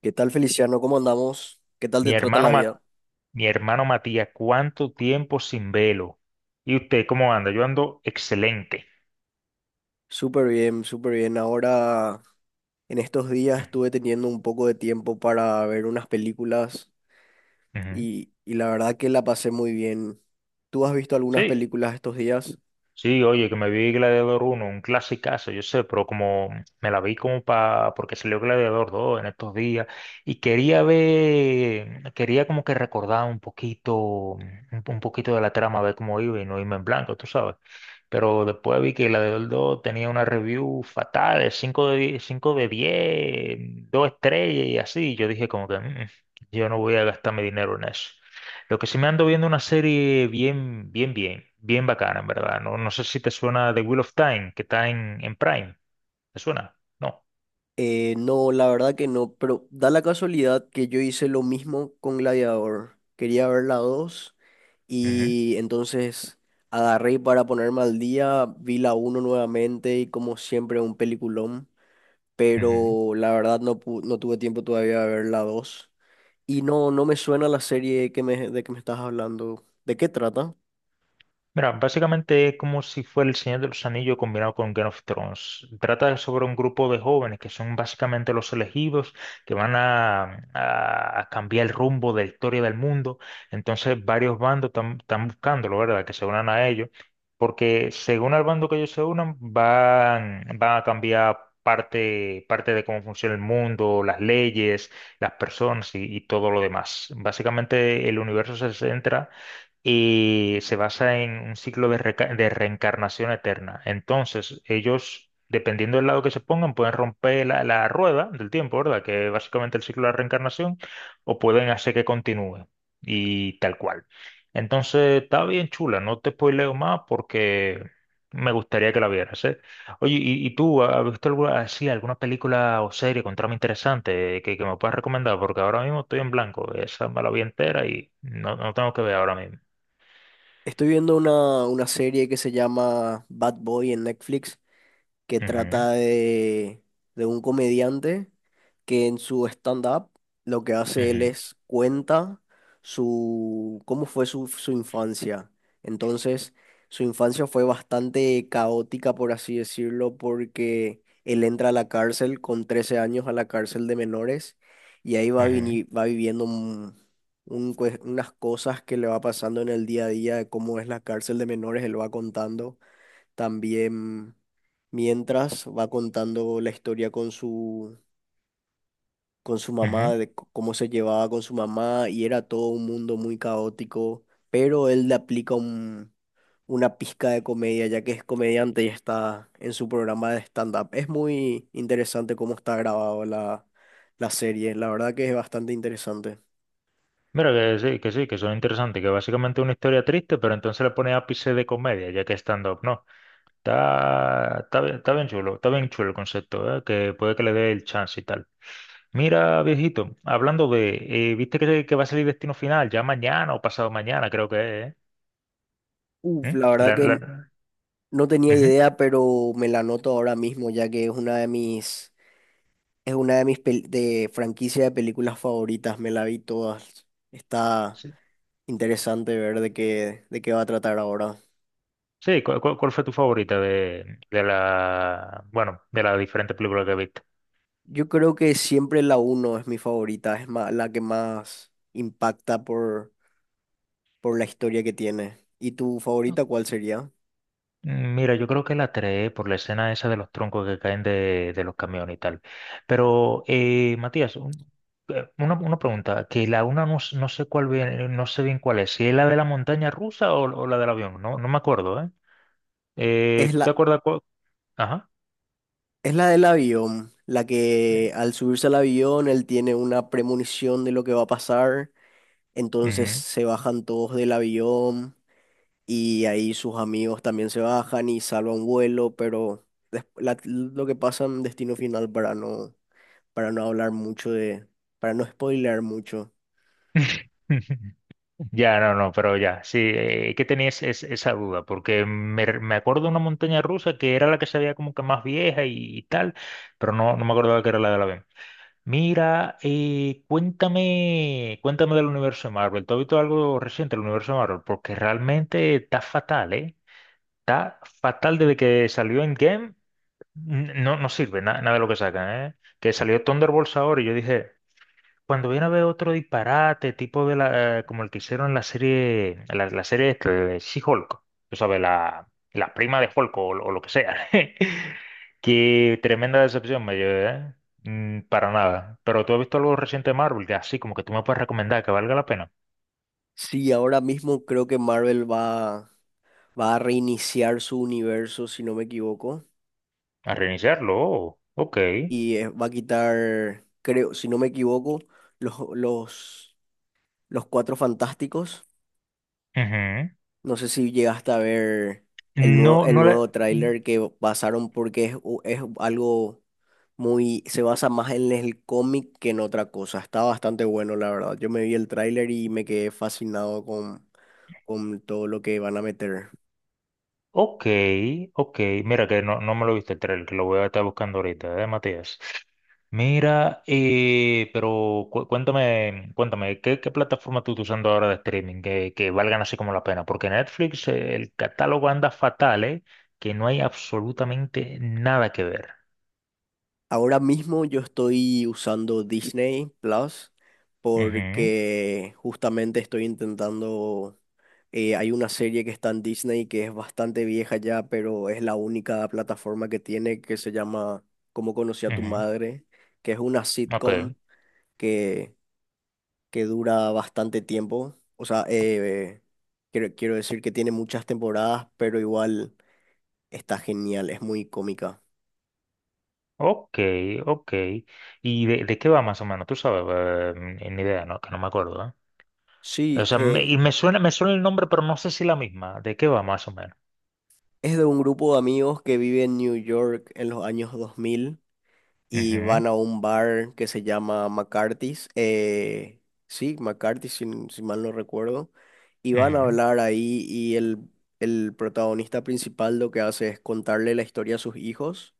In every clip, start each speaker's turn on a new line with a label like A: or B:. A: ¿Qué tal, Feliciano? ¿Cómo andamos? ¿Qué tal te
B: Mi
A: trata
B: hermano,
A: la
B: Ma-
A: vida?
B: mi hermano Matías, ¿cuánto tiempo sin velo? ¿Y usted cómo anda? Yo ando excelente.
A: Súper bien, súper bien. Ahora, en estos días
B: Ujú,
A: estuve teniendo un poco de tiempo para ver unas películas
B: ujú.
A: y la verdad que la pasé muy bien. ¿Tú has visto algunas
B: Sí,
A: películas estos días?
B: sí, oye, que me vi Gladiador uno, un clasicazo, yo sé, pero como me la vi como para, porque salió Gladiador dos en estos días, y quería como que recordar un poquito, un poquito de la trama, ver cómo iba y no irme en blanco, tú sabes. Pero después vi que Gladiador dos tenía una review fatal, de cinco de 10, 5 de 10, 2 estrellas y así. Yo dije como que "Mm, yo no voy a gastar mi dinero en eso." Lo que sí, me ando viendo una serie bien, bien, bien, bien bacana, en verdad. No, no sé si te suena The Wheel of Time, que está en Prime. ¿Te suena? No.
A: No, la verdad que no, pero da la casualidad que yo hice lo mismo con Gladiador. Quería ver la 2
B: Ujú,
A: y entonces agarré para ponerme al día, vi la uno nuevamente y como siempre un peliculón.
B: ujú.
A: Pero la verdad no, no tuve tiempo todavía de ver la dos. Y no, no me suena la serie de que me estás hablando. ¿De qué trata?
B: Mira, básicamente es como si fuera El Señor de los Anillos combinado con Game of Thrones. Trata sobre un grupo de jóvenes que son básicamente los elegidos, que van a cambiar el rumbo de la historia del mundo. Entonces, varios bandos están buscándolo, ¿verdad? Que se unan a ellos, porque según el bando que ellos se unan, van a cambiar parte de cómo funciona el mundo, las leyes, las personas y todo lo demás. Básicamente, el universo se centra y se basa en un ciclo de reencarnación eterna. Entonces, ellos, dependiendo del lado que se pongan, pueden romper la rueda del tiempo, ¿verdad? Que es básicamente el ciclo de la reencarnación, o pueden hacer que continúe, y tal cual. Entonces, está bien chula, no te spoileo más porque me gustaría que la vieras, ¿eh? Oye, y tú has visto alguna película o serie con trama interesante que me puedas recomendar? Porque ahora mismo estoy en blanco, esa me la vi entera y no tengo que ver ahora mismo.
A: Estoy viendo una serie que se llama Bad Boy en Netflix, que
B: Ujú,
A: trata de un comediante que en su stand-up lo que hace él
B: ujú,
A: es cuenta su, cómo fue su infancia. Entonces, su infancia fue bastante caótica, por así decirlo, porque él entra a la cárcel con 13 años, a la cárcel de menores, y ahí
B: ujú,
A: va viviendo unas cosas que le va pasando en el día a día de cómo es la cárcel de menores, él va contando también mientras va contando la historia con su mamá,
B: ujú.
A: cómo se llevaba con su mamá, y era todo un mundo muy caótico, pero él le aplica una pizca de comedia, ya que es comediante y está en su programa de stand-up. Es muy interesante cómo está grabado la serie, la verdad que es bastante interesante.
B: Mira que sí, que sí, que son interesantes, que básicamente es una historia triste, pero entonces le pone ápice de comedia, ya que es stand-up, ¿no? Está bien chulo, el concepto, ¿eh? Que puede que le dé el chance y tal. Mira, viejito, hablando de, ¿viste que va a salir Destino Final ya mañana o pasado mañana, creo que es?
A: Uf,
B: ¿Eh?
A: la
B: ¿Mm?
A: verdad que no tenía
B: Ujú,
A: idea, pero me la anoto ahora mismo, ya que es una de es una de mis de franquicia de películas favoritas, me la vi todas. Está
B: sí,
A: interesante ver de qué va a tratar ahora.
B: sí. ¿Cuál fue tu favorita de, bueno, de las diferentes películas que viste?
A: Yo creo que siempre la uno es mi favorita, es la que más impacta por la historia que tiene. ¿Y tu favorita cuál sería?
B: Mira, yo creo que la tres, por la escena esa de los troncos que caen de los camiones y tal. Pero, Matías, una pregunta, que la una no, no sé bien cuál es, si es la de la montaña rusa o la del avión. No me acuerdo, ¿eh?
A: Es
B: ¿Tú te
A: la,
B: acuerdas cuál? Ajá.
A: es la del avión, la
B: eh,
A: que al subirse al avión él tiene una premonición de lo que va a pasar, entonces
B: Ujú.
A: se bajan todos del avión y ahí sus amigos también se bajan y salvan vuelo, pero lo que pasa en Destino Final para no hablar mucho de, para no spoilear mucho.
B: Ya, no, no, pero ya, sí, que tenía esa duda, porque me acuerdo de una montaña rusa que era la que se veía como que más vieja, y tal, pero no me acordaba que era la del avión. Mira, cuéntame del universo de Marvel. ¿Tú has visto algo reciente del universo de Marvel? Porque realmente está fatal, ¿eh? Está fatal desde que salió Endgame. No, no sirve nada de lo que sacan, ¿eh? Que salió Thunderbolts ahora y yo dije, cuando viene a ver otro disparate, tipo como el que hicieron en la serie, la serie esta de She-Hulk, tú sabes, la prima de Hulk, o lo que sea. Qué tremenda decepción me llevé, ¿eh? Para nada. Pero, ¿tú has visto algo reciente de Marvel, que así como que tú me puedes recomendar, que valga la pena?
A: Sí, ahora mismo creo que va a reiniciar su universo, si no me equivoco,
B: A reiniciarlo, oh, OK.
A: y va a quitar, creo, si no me equivoco, los, los, los Cuatro Fantásticos.
B: Ujú.
A: No sé si llegaste a ver
B: No,
A: el
B: no la.
A: nuevo tráiler que pasaron porque es, es algo muy, se basa más en el cómic que en otra cosa. Está bastante bueno, la verdad. Yo me vi el tráiler y me quedé fascinado con todo lo que van a meter.
B: OK, OK. Mira que no me lo viste, el trailer, que lo voy a estar buscando ahorita, ¿eh, Matías? Mira, pero cuéntame, ¿qué plataforma tú estás usando ahora de streaming que valgan así como la pena? Porque Netflix, el catálogo anda fatal, ¿eh? Que no hay absolutamente nada que ver.
A: Ahora mismo yo estoy usando Disney Plus
B: Ujú,
A: porque justamente estoy intentando, hay una serie que está en Disney que es bastante vieja ya, pero es la única plataforma que tiene que se llama Cómo conocí a tu
B: ujú.
A: madre, que es una
B: OK,
A: sitcom que, que dura bastante tiempo. O sea, quiero decir que tiene muchas temporadas, pero igual está genial, es muy cómica.
B: OK, OK. ¿Y de qué va más o menos? Tú sabes, ni idea, ¿no? Que no me acuerdo. O
A: Sí,
B: sea, me suena el nombre, pero no sé si la misma. ¿De qué va más o menos?
A: es de un grupo de amigos que vive en New York en los años 2000 y
B: Ujú,
A: van a un bar que se llama McCarthy's. Sí, McCarthy's, si, si mal no recuerdo. Y van a
B: ujú.
A: hablar ahí el protagonista principal lo que hace es contarle la historia a sus hijos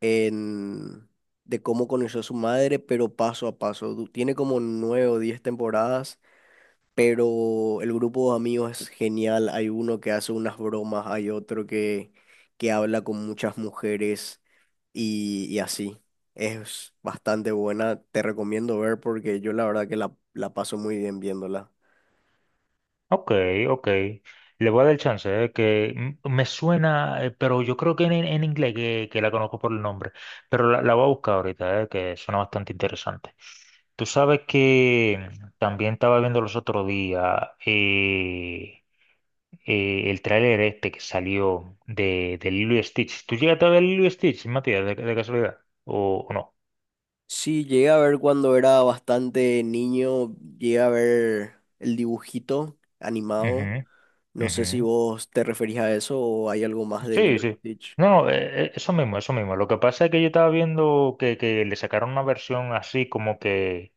A: en, de cómo conoció a su madre, pero paso a paso. Tiene como nueve o diez temporadas, pero el grupo de amigos es genial. Hay uno que hace unas bromas, hay otro que habla con muchas mujeres y así. Es bastante buena, te recomiendo ver porque yo la verdad que la paso muy bien viéndola.
B: OK, OK. Le voy a dar el chance, que me suena, pero yo creo que en inglés que la conozco, por el nombre. Pero la voy a buscar ahorita, que suena bastante interesante. Tú sabes que también estaba viendo los otros días, el tráiler este que salió de Lilo y Stitch. ¿Tú llegaste a ver Lilo y Stitch, Matías, de casualidad? ¿O no?
A: Sí, llegué a ver cuando era bastante niño, llegué a ver el dibujito animado.
B: Ujú,
A: No sé si
B: ujú.
A: vos te referís a eso o hay algo más de
B: Sí,
A: Lilo
B: sí.
A: y Stitch.
B: No, eso mismo, eso mismo. Lo que pasa es que yo estaba viendo que, le sacaron una versión así como que...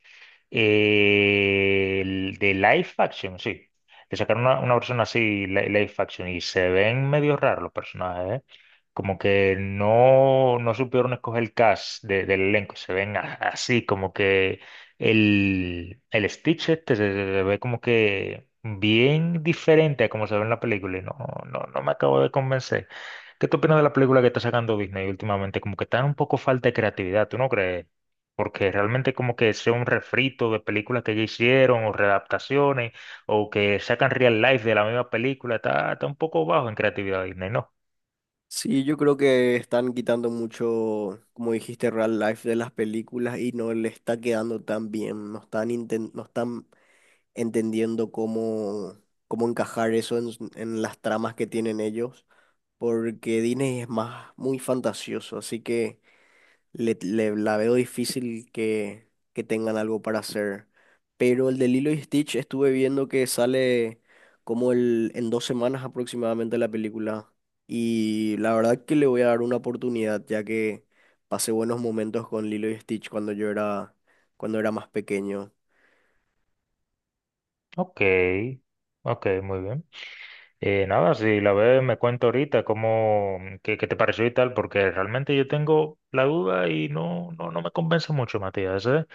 B: El de live action, sí. Le sacaron una versión así, live action, y se ven medio raros los personajes, ¿eh? Como que no supieron escoger el cast, del elenco. Se ven así, como que el Stitch este se ve como que bien diferente a como se ve en la película, y no me acabo de convencer. ¿Qué tú opinas de la película que está sacando Disney últimamente? Como que está un poco falta de creatividad, ¿tú no crees? Porque realmente como que sea un refrito de películas que ya hicieron, o readaptaciones, o que sacan real life de la misma película. Está un poco bajo en creatividad Disney, ¿no?
A: Sí, yo creo que están quitando mucho, como dijiste, real life de las películas y no le está quedando tan bien. No están, no están entendiendo cómo encajar eso en, en las tramas que tienen ellos, porque Disney es más muy fantasioso, así que la veo difícil que tengan algo para hacer. Pero el de Lilo y Stitch estuve viendo que sale en dos semanas aproximadamente la película. Y la verdad que le voy a dar una oportunidad, ya que pasé buenos momentos con Lilo y Stitch cuando cuando era más pequeño.
B: OK, OK, muy bien. Nada, si la ves me cuento ahorita qué te pareció y tal, porque realmente yo tengo la duda y no me convence mucho, Matías, ¿eh?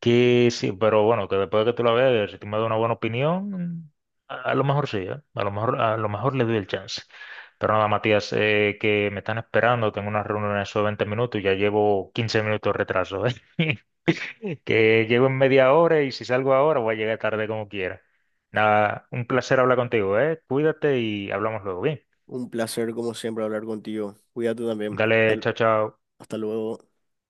B: Que sí, pero bueno, que después de que tú la veas, si tú me das una buena opinión, a lo mejor sí, ¿eh? A lo mejor le doy el chance. Pero nada, Matías, que me están esperando, tengo una reunión en esos 20 minutos y ya llevo 15 minutos de retraso, ¿eh? Que llego en media hora, y si salgo ahora voy a llegar tarde como quiera. Nada, un placer hablar contigo, ¿eh? Cuídate y hablamos luego, bien.
A: Un placer, como siempre, hablar contigo. Cuídate también.
B: Dale, chao, chao.
A: Hasta luego.